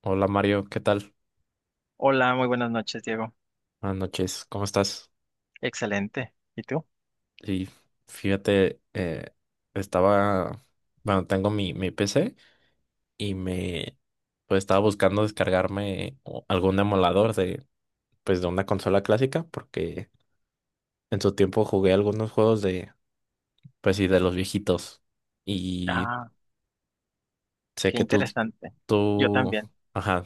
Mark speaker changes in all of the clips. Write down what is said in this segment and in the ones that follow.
Speaker 1: Hola Mario, ¿qué tal?
Speaker 2: Hola, muy buenas noches, Diego.
Speaker 1: Buenas noches, ¿cómo estás?
Speaker 2: Excelente. ¿Y tú?
Speaker 1: Y fíjate, eh, Estaba, bueno, tengo mi PC y me, pues estaba buscando descargarme algún emulador de, pues de una consola clásica porque en su tiempo jugué algunos juegos de, pues sí, de los viejitos y
Speaker 2: Ah,
Speaker 1: sé
Speaker 2: qué
Speaker 1: que
Speaker 2: interesante. Yo
Speaker 1: tú,
Speaker 2: también.
Speaker 1: ajá,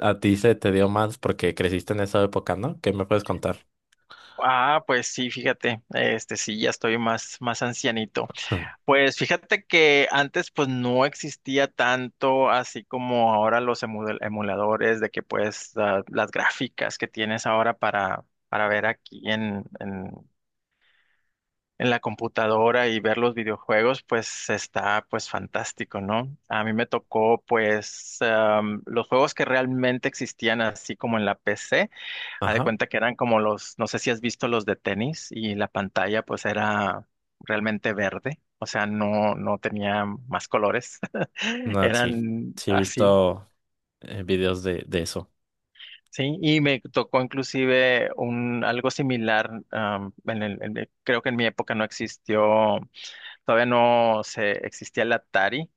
Speaker 1: a ti se te dio más porque creciste en esa época, ¿no? ¿Qué me puedes contar?
Speaker 2: Ah, pues sí, fíjate, este sí, ya estoy más ancianito. Pues fíjate que antes pues no existía tanto así como ahora los emuladores de que pues las gráficas que tienes ahora para, ver aquí en la computadora y ver los videojuegos, pues está pues fantástico, ¿no? A mí me tocó pues los juegos que realmente existían así como en la PC, haz de
Speaker 1: Ajá.
Speaker 2: cuenta que eran como los, no sé si has visto los de tenis y la pantalla pues era realmente verde, o sea, no, no tenía más colores,
Speaker 1: No, sí,
Speaker 2: eran
Speaker 1: sí he
Speaker 2: así.
Speaker 1: visto videos de eso.
Speaker 2: Sí, y me tocó inclusive un algo similar, creo que en mi época no existió todavía, no se existía el Atari.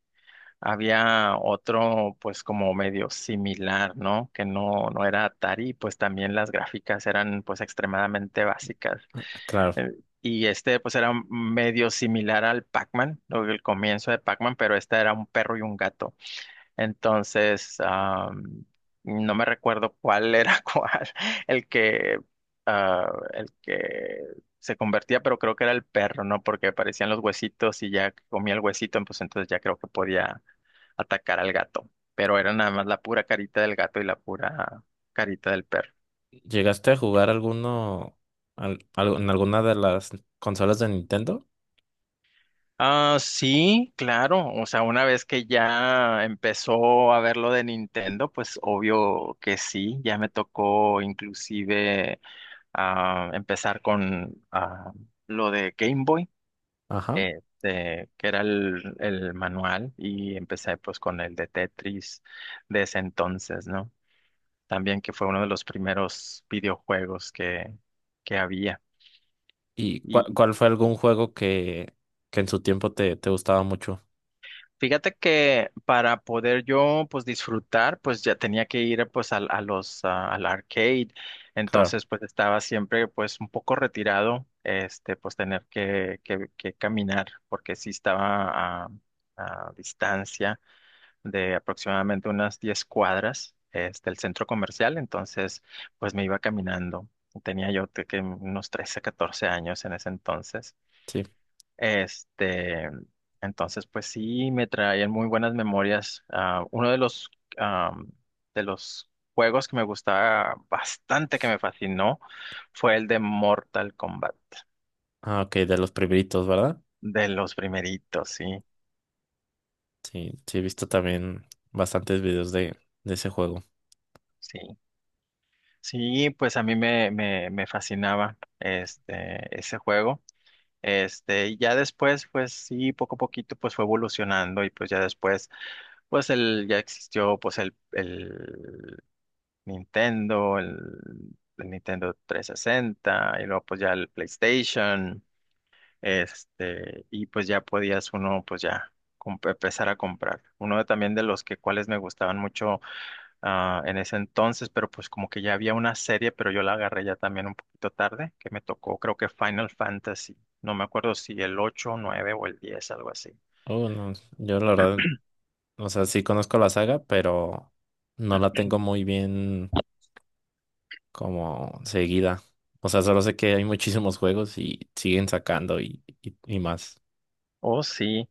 Speaker 2: Había otro, pues, como medio similar, ¿no? Que no, no era Atari, y, pues también las gráficas eran, pues, extremadamente básicas.
Speaker 1: Claro,
Speaker 2: Eh, Y este, pues, era medio similar al Pac-Man, el comienzo de Pac-Man, pero este era un perro y un gato. Entonces, no me recuerdo cuál era cuál, el que, el que se convertía, pero creo que era el perro, ¿no? Porque aparecían los huesitos y ya que comía el huesito, pues entonces ya creo que podía atacar al gato. Pero era nada más la pura carita del gato y la pura carita del perro.
Speaker 1: ¿llegaste a jugar alguno en alguna de las consolas de Nintendo?
Speaker 2: Ah, sí, claro. O sea, una vez que ya empezó a ver lo de Nintendo, pues obvio que sí, ya me tocó inclusive a empezar con lo de Game Boy,
Speaker 1: Ajá.
Speaker 2: que era el manual, y empecé pues con el de Tetris de ese entonces, ¿no? También que fue uno de los primeros videojuegos que había.
Speaker 1: ¿Y cuál fue algún juego que en su tiempo te gustaba mucho?
Speaker 2: Fíjate que para poder yo pues disfrutar pues ya tenía que ir pues al, al arcade,
Speaker 1: Claro,
Speaker 2: entonces pues estaba siempre pues un poco retirado este pues tener que caminar porque sí estaba a distancia de aproximadamente unas 10 cuadras este el centro comercial, entonces pues me iba caminando. Tenía yo que unos 13 14 años en ese entonces.
Speaker 1: sí.
Speaker 2: Este, entonces, pues sí, me traían muy buenas memorias. Ah, uno de los, am, de los juegos que me gustaba bastante, que me fascinó, fue el de Mortal Kombat,
Speaker 1: Ah, ok, de los primeritos, ¿verdad?
Speaker 2: de los primeritos, sí,
Speaker 1: Sí, sí he visto también bastantes videos de ese juego.
Speaker 2: sí. Sí, pues a mí me fascinaba este, ese juego. Este, y ya después, pues sí, poco a poquito, pues fue evolucionando y pues ya después, pues el, ya existió, pues el Nintendo, el Nintendo 360 y luego pues ya el PlayStation, este, y pues ya podías uno pues ya empezar a comprar. Uno también de los que cuales me gustaban mucho en ese entonces, pero pues como que ya había una serie, pero yo la agarré ya también un poquito tarde, que me tocó creo que Final Fantasy, no me acuerdo si el 8, 9 o el 10, algo así.
Speaker 1: Oh, no, yo la verdad, o sea, sí conozco la saga, pero no la tengo muy bien como seguida. O sea, solo sé que hay muchísimos juegos y siguen sacando y más.
Speaker 2: Oh, sí.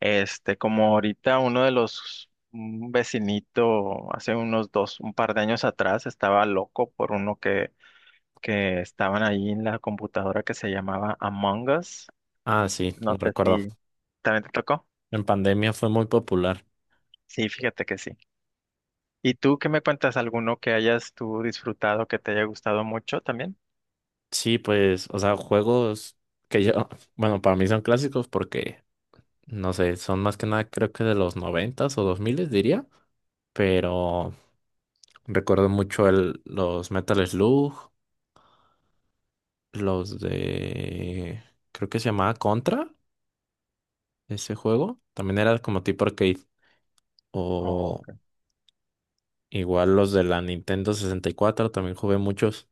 Speaker 2: Este, como ahorita uno de los, un vecinito hace unos dos, un par de años atrás estaba loco por uno que estaban ahí en la computadora que se llamaba Among Us.
Speaker 1: Ah, sí,
Speaker 2: No
Speaker 1: lo
Speaker 2: sé
Speaker 1: recuerdo.
Speaker 2: si también te tocó.
Speaker 1: En pandemia fue muy popular.
Speaker 2: Sí, fíjate que sí. ¿Y tú qué me cuentas? ¿Alguno que hayas tú disfrutado que te haya gustado mucho también?
Speaker 1: Sí, pues, o sea, juegos que yo, bueno, para mí son clásicos porque, no sé, son más que nada creo que de los noventas o dos miles diría, pero recuerdo mucho los Metal Slug, los de, creo que se llamaba Contra, ese juego, también era como tipo arcade.
Speaker 2: Oh,
Speaker 1: O
Speaker 2: ok.
Speaker 1: igual los de la Nintendo 64 también jugué muchos.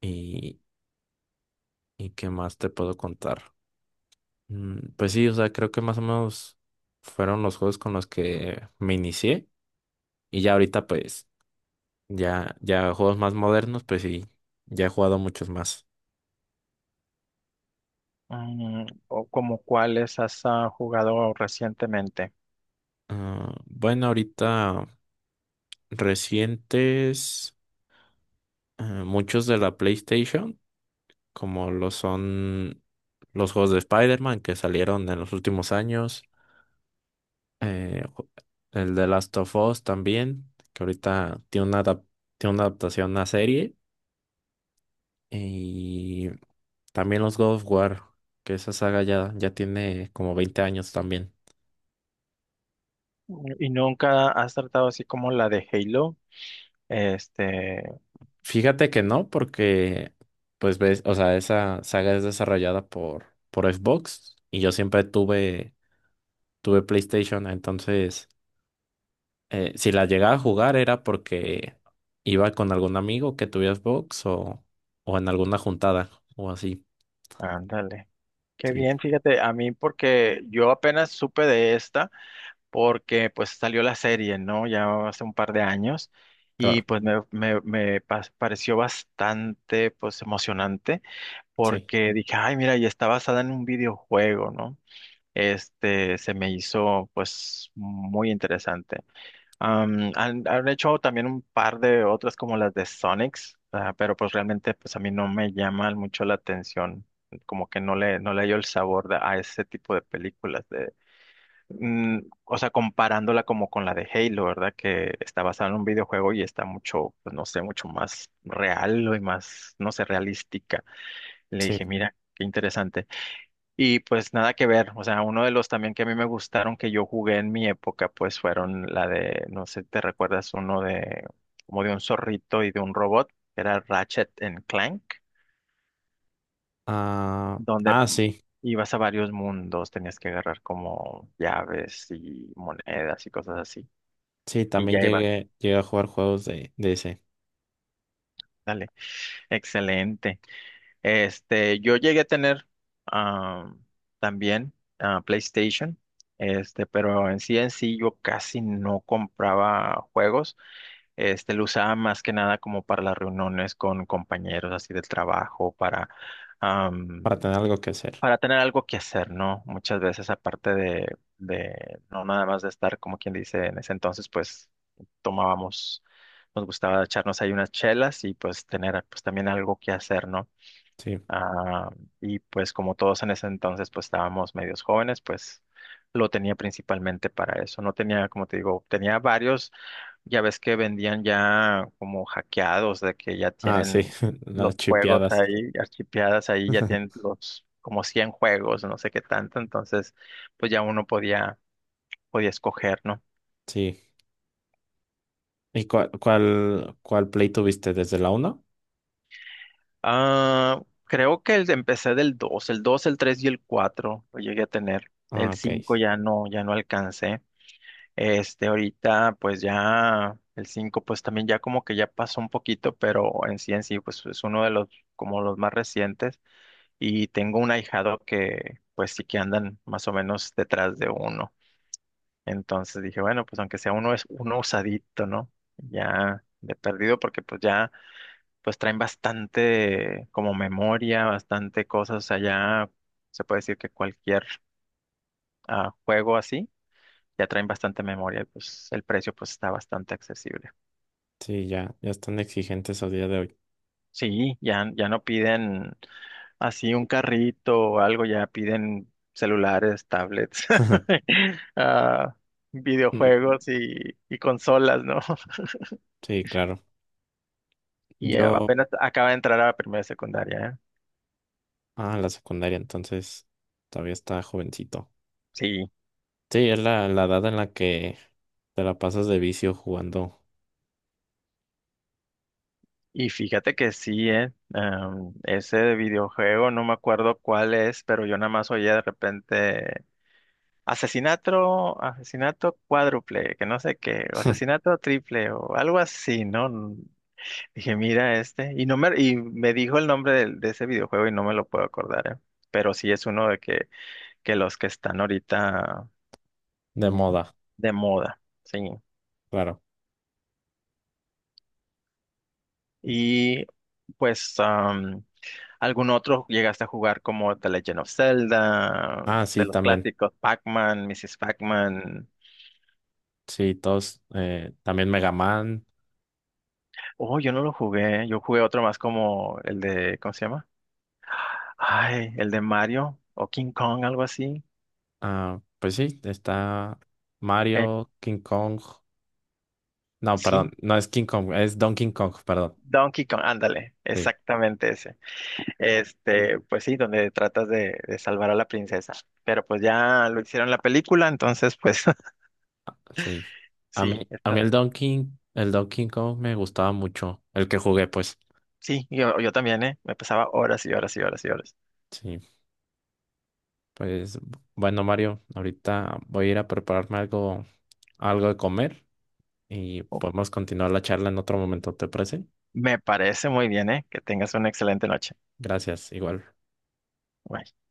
Speaker 1: ¿Y, qué más te puedo contar? Pues sí, o sea, creo que más o menos fueron los juegos con los que me inicié. Y ya ahorita, pues, ya juegos más modernos, pues sí, ya he jugado muchos más.
Speaker 2: ¿O como cuáles has jugado recientemente?
Speaker 1: Ah, bueno, ahorita recientes, ah, muchos de la PlayStation, como lo son los juegos de Spider-Man que salieron en los últimos años. eh, ju- el de Last of Us también, que ahorita tiene tiene una adaptación a serie. Y también los God of War, que esa saga ya tiene como 20 años también.
Speaker 2: ¿Y nunca has tratado así como la de Halo? Este,
Speaker 1: Fíjate que no, porque, pues ves, o sea, esa saga es desarrollada por Xbox y yo siempre tuve PlayStation, entonces, si la llegaba a jugar era porque iba con algún amigo que tuviera Xbox o en alguna juntada o así.
Speaker 2: ándale. Qué
Speaker 1: Sí,
Speaker 2: bien, fíjate, a mí porque yo apenas supe de esta, porque pues salió la serie, ¿no? Ya hace un par de años y
Speaker 1: claro,
Speaker 2: pues me pareció bastante pues emocionante,
Speaker 1: sí,
Speaker 2: porque dije, ay, mira, y está basada en un videojuego, ¿no? Este se me hizo pues muy interesante. Han hecho también un par de otras como las de Sonics, ah, pero pues realmente pues a mí no me llama mucho la atención, como que no le hallo el sabor a ese tipo de películas de, mm, o sea, comparándola como con la de Halo, ¿verdad? Que está basada en un videojuego y está mucho, pues no sé, mucho más real y más, no sé, realística. Le
Speaker 1: sí.
Speaker 2: dije, mira, qué interesante. Y pues nada que ver, o sea, uno de los también que a mí me gustaron que yo jugué en mi época, pues fueron la de, no sé, ¿te recuerdas uno de, como de un zorrito y de un robot? Era Ratchet and Clank,
Speaker 1: Ah,
Speaker 2: donde
Speaker 1: ah, sí,
Speaker 2: ibas a varios mundos, tenías que agarrar como llaves y monedas y cosas así.
Speaker 1: sí,
Speaker 2: Y ya
Speaker 1: también
Speaker 2: ibas,
Speaker 1: llegué a jugar juegos de ese,
Speaker 2: dale, excelente. Este, yo llegué a tener ah, también PlayStation, este, pero en sí yo casi no compraba juegos. Este, lo usaba más que nada como para las reuniones con compañeros así del trabajo, am,
Speaker 1: para tener algo que hacer.
Speaker 2: para tener algo que hacer, ¿no? Muchas veces aparte de, no nada más de estar como quien dice en ese entonces, pues tomábamos, nos gustaba echarnos ahí unas chelas y pues tener pues también algo que hacer, ¿no?
Speaker 1: Sí.
Speaker 2: Ah, y pues como todos en ese entonces pues estábamos medios jóvenes, pues lo tenía principalmente para eso. No tenía, como te digo, tenía varios, ya ves que vendían ya como hackeados, de que ya
Speaker 1: Ah, sí,
Speaker 2: tienen los
Speaker 1: las
Speaker 2: juegos
Speaker 1: chipeadas.
Speaker 2: ahí, archipeadas ahí, ya tienen los como 100 juegos, no sé qué tanto, entonces pues ya uno podía escoger, ¿no?
Speaker 1: Sí. ¿Y cuál play tuviste? ¿Desde la uno
Speaker 2: Ah, creo que empecé del dos, el 3 y el 4 lo llegué a tener.
Speaker 1: Ah,
Speaker 2: El
Speaker 1: ok.
Speaker 2: 5 ya no, ya no alcancé. Este, ahorita, pues ya el 5 pues también ya como que ya pasó un poquito, pero en sí, pues es uno de los, como los más recientes. Y tengo un ahijado que, pues sí que andan más o menos detrás de uno. Entonces dije, bueno, pues aunque sea uno, es uno usadito, ¿no? Ya de perdido, porque pues ya, pues traen bastante como memoria, bastante cosas, o sea, ya se puede decir que cualquier juego así ya traen bastante memoria y pues el precio pues está bastante accesible.
Speaker 1: Sí, ya, ya están exigentes a día de hoy.
Speaker 2: Sí, ya, ya no piden así un carrito o algo, ya piden celulares, tablets, ah,
Speaker 1: Mm,
Speaker 2: videojuegos y consolas, ¿no?
Speaker 1: Sí, claro.
Speaker 2: Y
Speaker 1: Yo,
Speaker 2: apenas acaba de entrar a la primera secundaria, ¿eh?
Speaker 1: ah, la secundaria, entonces todavía está jovencito.
Speaker 2: Sí,
Speaker 1: Sí, es la edad en la que te la pasas de vicio jugando
Speaker 2: y fíjate que sí, ¿eh? Ese videojuego, no me acuerdo cuál es, pero yo nada más oía de repente asesinato, asesinato cuádruple, que no sé qué, o asesinato triple, o algo así, ¿no? Dije, mira este, y no me, y me dijo el nombre de, ese videojuego y no me lo puedo acordar, ¿eh? Pero sí es uno de que los que están ahorita
Speaker 1: de
Speaker 2: mm,
Speaker 1: moda,
Speaker 2: de moda, sí.
Speaker 1: claro.
Speaker 2: Y pues, ¿algún otro llegaste a jugar como The Legend of Zelda,
Speaker 1: Ah,
Speaker 2: de
Speaker 1: sí,
Speaker 2: los
Speaker 1: también.
Speaker 2: clásicos, Pac-Man, Mrs. Pac-Man?
Speaker 1: Sí, todos. Eh, también Mega Man.
Speaker 2: Oh, yo no lo jugué, yo jugué otro más como el de, ¿cómo se llama? Ay, el de Mario o King Kong, algo así.
Speaker 1: Ah, pues sí, está
Speaker 2: Eh,
Speaker 1: Mario, King Kong. No,
Speaker 2: sí,
Speaker 1: perdón, no es King Kong, es Donkey Kong, perdón.
Speaker 2: Donkey Kong, ándale,
Speaker 1: Sí,
Speaker 2: exactamente ese. Este, pues sí, donde tratas de salvar a la princesa. Pero pues ya lo hicieron la película, entonces pues
Speaker 1: ah, sí. A
Speaker 2: sí,
Speaker 1: mí, a
Speaker 2: está,
Speaker 1: mí el el Donkey Kong me gustaba mucho, el que jugué, pues.
Speaker 2: sí, yo también, ¿eh? Me pasaba horas y horas y horas y horas.
Speaker 1: Sí, pues bueno, Mario, ahorita voy a ir a prepararme algo, algo de comer y
Speaker 2: Oh,
Speaker 1: podemos continuar la charla en otro momento, ¿te parece?
Speaker 2: Me parece muy bien, ¿eh? Que tengas una excelente noche.
Speaker 1: Gracias, igual.
Speaker 2: Bye.